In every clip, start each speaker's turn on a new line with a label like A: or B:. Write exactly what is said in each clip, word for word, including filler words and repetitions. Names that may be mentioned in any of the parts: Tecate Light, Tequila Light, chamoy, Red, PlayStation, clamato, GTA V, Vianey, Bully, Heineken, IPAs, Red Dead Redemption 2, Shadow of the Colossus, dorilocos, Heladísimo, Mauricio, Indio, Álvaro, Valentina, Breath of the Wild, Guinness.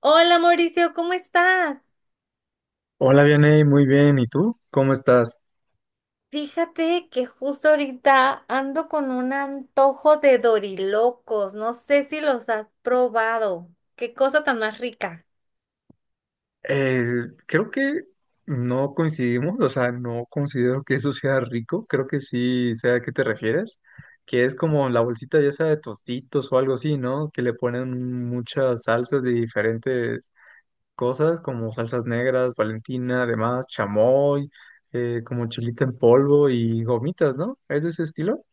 A: Hola Mauricio, ¿cómo estás?
B: Hola, Vianey, muy bien. ¿Y tú? ¿Cómo estás?
A: Fíjate que justo ahorita ando con un antojo de dorilocos. No sé si los has probado. Qué cosa tan más rica.
B: Eh, creo que no coincidimos. O sea, no considero que eso sea rico. Creo que sí sé a qué te refieres, que es como la bolsita ya sea de tostitos o algo así, ¿no? Que le ponen muchas salsas de diferentes cosas, como salsas negras, Valentina, además, chamoy, eh, como chilito en polvo y gomitas, ¿no? ¿Es de ese estilo?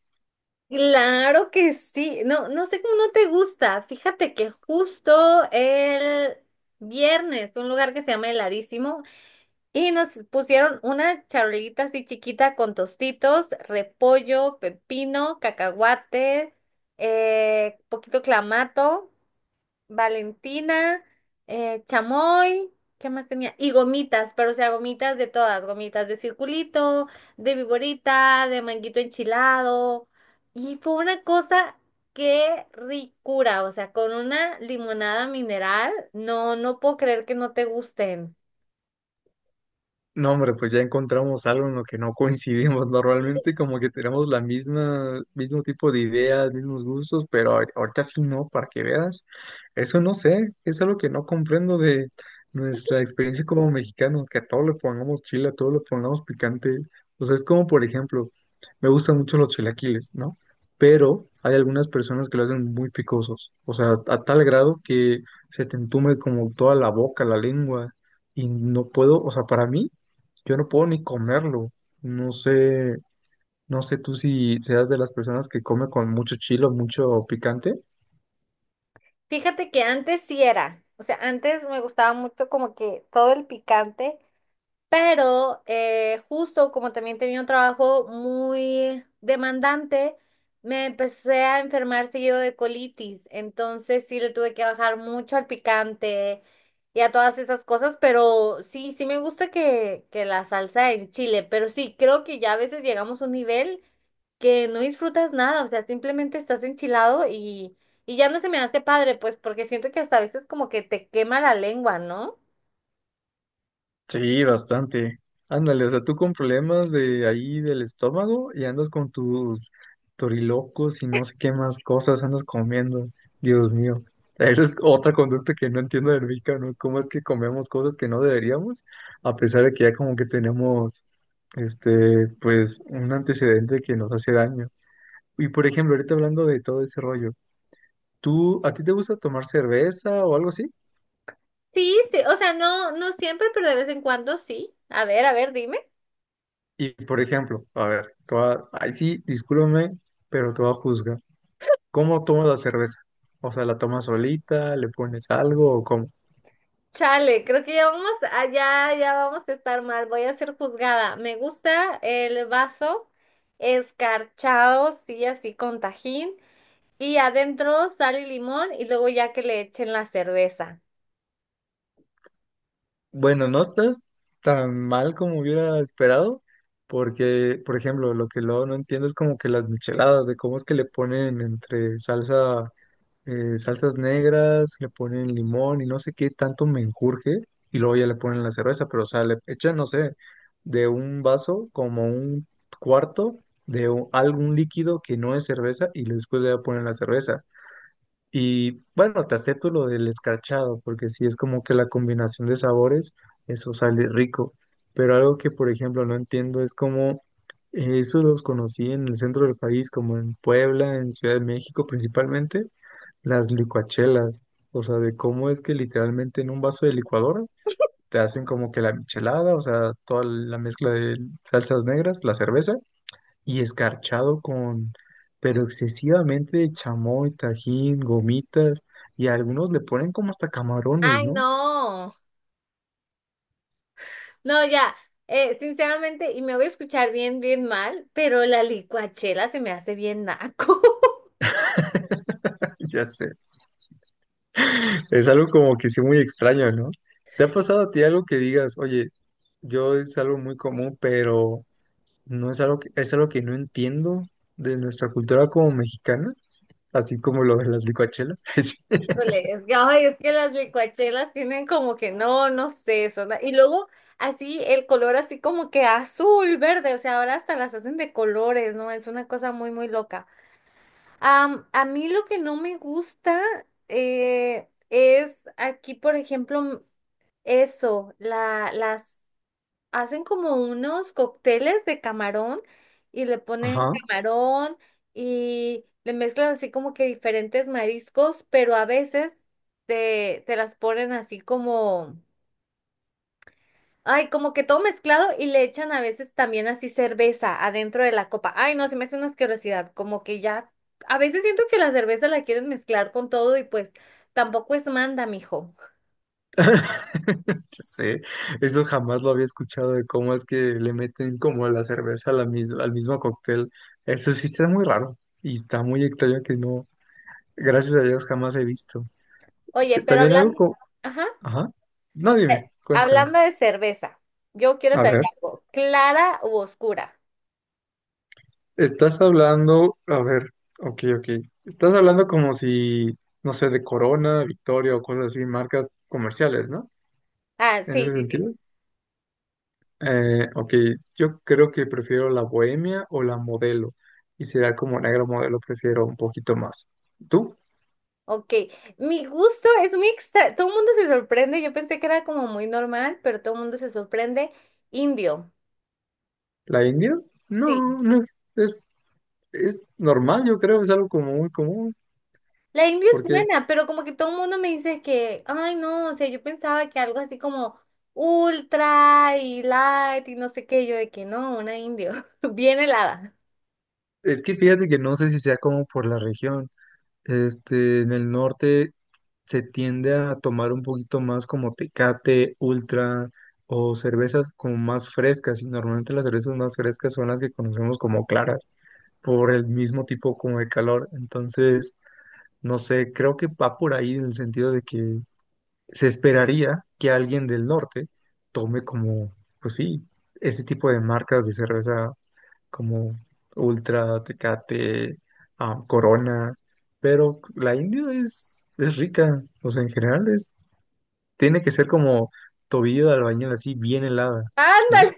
A: Claro que sí. No, no sé cómo no te gusta. Fíjate que justo el viernes fue a un lugar que se llama Heladísimo y nos pusieron una charolita así chiquita con tostitos, repollo, pepino, cacahuate, eh, poquito clamato. Valentina, eh, chamoy, ¿qué más tenía? Y gomitas, pero o sea, gomitas de todas, gomitas de circulito, de viborita, de manguito enchilado. Y fue una cosa, qué ricura, o sea, con una limonada mineral, no, no puedo creer que no te gusten.
B: No, hombre, pues ya encontramos algo en lo que no coincidimos normalmente, como que tenemos la misma, mismo tipo de ideas, mismos gustos, pero ahor- ahorita sí no, para que veas. Eso no sé, es algo que no comprendo de nuestra experiencia como mexicanos, que a todo le pongamos chile, a todo le pongamos picante. O sea, es como, por ejemplo, me gustan mucho los chilaquiles, ¿no? Pero hay algunas personas que lo hacen muy picosos, o sea, a tal grado que se te entume como toda la boca, la lengua, y no puedo, o sea, para mí. Yo no puedo ni comerlo. No sé, no sé tú si seas de las personas que come con mucho chilo, mucho picante.
A: Fíjate que antes sí era, o sea, antes me gustaba mucho como que todo el picante. Pero eh, justo como también tenía un trabajo muy demandante, me empecé a enfermar seguido de colitis. Entonces sí le tuve que bajar mucho al picante y a todas esas cosas. Pero sí, sí me gusta que, que la salsa en chile. Pero sí, creo que ya a veces llegamos a un nivel que no disfrutas nada. O sea, simplemente estás enchilado y, y ya no se me hace padre, pues porque siento que hasta a veces como que te quema la lengua, ¿no?
B: Sí, bastante. Ándale, o sea, tú con problemas de ahí del estómago y andas con tus torilocos y no sé qué más cosas andas comiendo. Dios mío. Esa es otra conducta que no entiendo del mexicano. ¿Cómo es que comemos cosas que no deberíamos? A pesar de que ya como que tenemos, este, pues, un antecedente que nos hace daño. Y por ejemplo, ahorita hablando de todo ese rollo, ¿tú, a ti te gusta tomar cerveza o algo así?
A: Sí, sí, o sea, no, no siempre, pero de vez en cuando sí. A ver, a ver, dime.
B: Y por ejemplo, a ver, te va- ay sí, discúlpame, pero te voy a juzgar. ¿Cómo tomas la cerveza? O sea, ¿la tomas solita? ¿Le pones algo o cómo?
A: Chale, creo que ya vamos allá, ya vamos a estar mal. Voy a ser juzgada. Me gusta el vaso escarchado, sí, así con tajín. Y adentro sal y limón y luego ya que le echen la cerveza.
B: Bueno, no estás tan mal como hubiera esperado, porque, por ejemplo, lo que luego no entiendo es como que las micheladas, de cómo es que le ponen entre salsa, eh, salsas negras, le ponen limón y no sé qué tanto me menjurje, y luego ya le ponen la cerveza, pero o sea, le echan, no sé, de un vaso como un cuarto de u- algún líquido que no es cerveza y después ya ponen la cerveza. Y bueno, te acepto lo del escarchado, porque sí es como que la combinación de sabores, eso sale rico. Pero algo que, por ejemplo, no entiendo es cómo, eh, eso los conocí en el centro del país, como en Puebla, en Ciudad de México, principalmente las licuachelas, o sea, de cómo es que literalmente en un vaso de licuadora te hacen como que la michelada, o sea, toda la mezcla de salsas negras, la cerveza, y escarchado con, pero excesivamente chamoy, tajín, gomitas, y a algunos le ponen como hasta camarones,
A: Ay,
B: ¿no?
A: no. No, ya. Eh, sinceramente, y me voy a escuchar bien, bien mal, pero la licuachela se me hace bien naco.
B: Ya sé, es algo como que sí muy extraño, ¿no? ¿Te ha pasado a ti algo que digas, oye, yo es algo muy común, pero no es algo que, es algo que no entiendo de nuestra cultura como mexicana? Así como lo de las licuachelas.
A: Híjole, es que, ay, es que las licuachelas tienen como que no, no sé, son, y luego así el color así como que azul, verde, o sea, ahora hasta las hacen de colores, ¿no? Es una cosa muy, muy loca. Am, a mí lo que no me gusta eh, es aquí, por ejemplo, m- eso, la, las hacen como unos cócteles de camarón y le ponen
B: Ajá.
A: camarón y le mezclan así como que diferentes mariscos, pero a veces te, te las ponen así como, ay, como que todo mezclado y le echan a veces también así cerveza adentro de la copa. Ay, no, se me hace una asquerosidad, como que ya, a veces siento que la cerveza la quieren mezclar con todo y pues tampoco es manda, mijo.
B: Sí, eso jamás lo había escuchado de cómo es que le meten como la cerveza a la mis- al mismo cóctel. Eso sí está muy raro y está muy extraño que no, gracias a Dios jamás he visto.
A: Oye,
B: Sí,
A: pero
B: también algo
A: hablando,
B: como,
A: ajá.
B: ajá, no,
A: Eh,
B: dime, cuéntame.
A: Hablando de cerveza, yo quiero
B: A
A: saber
B: ver,
A: algo, ¿clara u oscura?
B: estás hablando, a ver, ok, ok, estás hablando como si, no sé, de Corona, Victoria o cosas así, marcas comerciales, ¿no?
A: Ah,
B: En
A: sí,
B: ese
A: sí, sí.
B: sentido. Eh, ok, yo creo que prefiero la bohemia o la modelo. Y será como negro modelo, prefiero un poquito más. ¿Tú?
A: Ok, mi gusto es muy extra, todo el mundo se sorprende, yo pensé que era como muy normal, pero todo el mundo se sorprende. Indio,
B: ¿La india?
A: sí.
B: No, no es, es, es normal, yo creo, es algo como muy común.
A: La indio es
B: Porque
A: buena, pero como que todo el mundo me dice que, ay no, o sea, yo pensaba que algo así como ultra y light y no sé qué, yo de que no, una indio, bien helada.
B: es que fíjate que no sé si sea como por la región. Este, en el norte se tiende a tomar un poquito más como Tecate, Ultra o cervezas como más frescas. Y normalmente las cervezas más frescas son las que conocemos como claras, por el mismo tipo como de calor. Entonces, no sé, creo que va por ahí en el sentido de que se esperaría que alguien del norte tome como, pues sí, ese tipo de marcas de cerveza como Ultra, Tecate, ah, Corona, pero la India es, es rica, o sea, en general es, tiene que ser como tobillo de albañil así bien helada,
A: Ándale.
B: ¿no?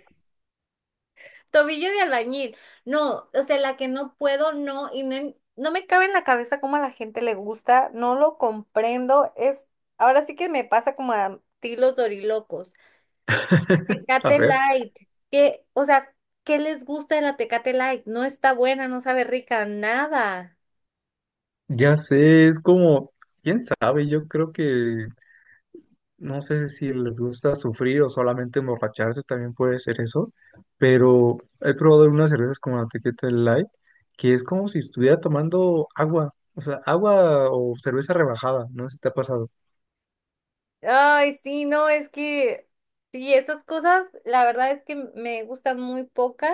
A: Tobillo de albañil. No, o sea, la que no puedo, no, y no, en- no me cabe en la cabeza cómo a la gente le gusta, no lo comprendo. Es, ahora sí que me pasa como a ti los dorilocos.
B: A
A: Tecate
B: ver,
A: Light, que, o sea, ¿qué les gusta de la Tecate Light? No está buena, no sabe rica, nada.
B: ya sé, es como, quién sabe, yo creo que no sé si les gusta sufrir o solamente emborracharse, también puede ser eso, pero he probado unas cervezas como la Tequila Light, que es como si estuviera tomando agua, o sea, agua o cerveza rebajada, no sé si te ha pasado.
A: Ay, sí, no, es que, sí, esas cosas, la verdad es que me gustan muy pocas.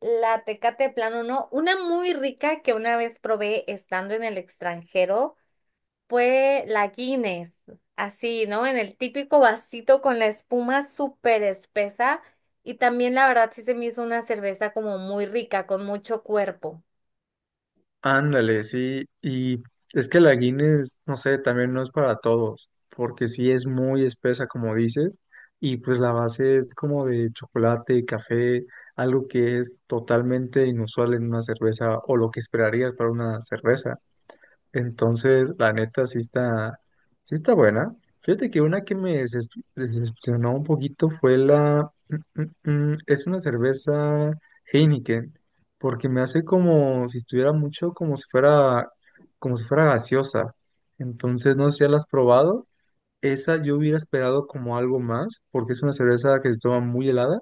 A: La tecate de plano no. Una muy rica que una vez probé estando en el extranjero fue la Guinness. Así, ¿no? En el típico vasito con la espuma súper espesa. Y también la verdad sí se me hizo una cerveza como muy rica, con mucho cuerpo.
B: Ándale, sí, y es que la Guinness, no sé, también no es para todos, porque sí es muy espesa, como dices, y pues la base es como de chocolate, café, algo que es totalmente inusual en una cerveza o lo que esperarías para una cerveza. Entonces, la neta sí está, sí está buena. Fíjate que una que me deces- decepcionó un poquito fue la... mm, mm, mm, es una cerveza Heineken, porque me hace como si estuviera mucho, como si fuera, como si fuera gaseosa. Entonces, no sé si ya la has probado. Esa yo hubiera esperado como algo más, porque es una cerveza que se toma muy helada,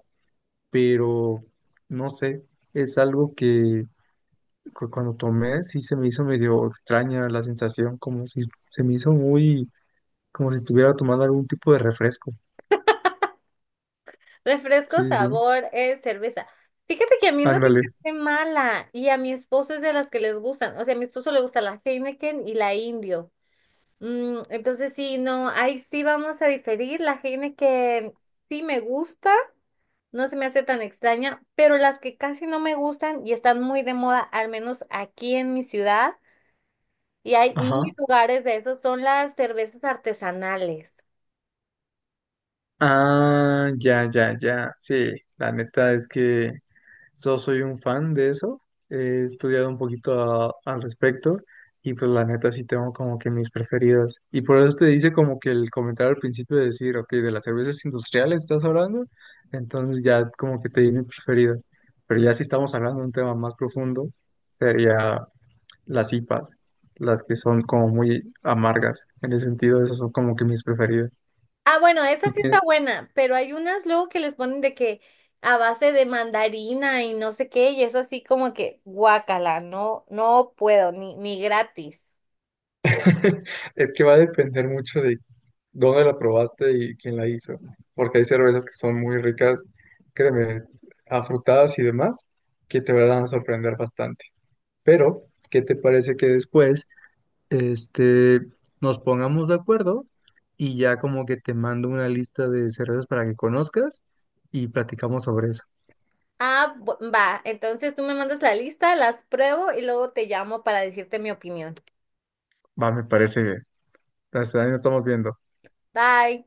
B: pero no sé, es algo que cu- cuando tomé sí se me hizo medio extraña la sensación, como si se me hizo muy, como si estuviera tomando algún tipo de refresco. Sí,
A: Refresco,
B: sí, sí.
A: sabor, es cerveza. Fíjate que a mí no se me
B: Ándale.
A: hace mala y a mi esposo es de las que les gustan. O sea, a mi esposo le gusta la Heineken y la Indio. Mm, entonces sí, no, ahí sí vamos a diferir. Las genes que sí me gusta, no se me hace tan extraña, pero las que casi no me gustan y están muy de moda, al menos aquí en mi ciudad, y hay
B: Ajá.
A: mil lugares de esos, son las cervezas artesanales.
B: Ah, ya, ya, ya. Sí, la neta es que So, soy un fan de eso, he estudiado un poquito a- al respecto y pues la neta sí tengo como que mis preferidas. Y por eso te dice como que el comentario al principio de decir, ok, de las cervezas industriales estás hablando, entonces ya como que te di mis preferidas. Pero ya si estamos hablando de un tema más profundo, sería las I P As, las que son como muy amargas. En ese sentido, esas son como que mis preferidas.
A: Ah, bueno, esa
B: ¿Tú
A: sí está
B: tienes?
A: buena, pero hay unas luego que les ponen de que a base de mandarina y no sé qué, y es así como que guácala, no, no puedo, ni, ni gratis.
B: Es que va a depender mucho de dónde la probaste y quién la hizo, porque hay cervezas que son muy ricas, créeme, afrutadas y demás, que te van a sorprender bastante. Pero, ¿qué te parece que después, este, nos pongamos de acuerdo y ya como que te mando una lista de cervezas para que conozcas y platicamos sobre eso?
A: Ah, bu- va. Entonces tú me mandas la lista, las pruebo y luego te llamo para decirte mi opinión.
B: Va, me parece bien. Entonces, ahí nos estamos viendo.
A: Bye.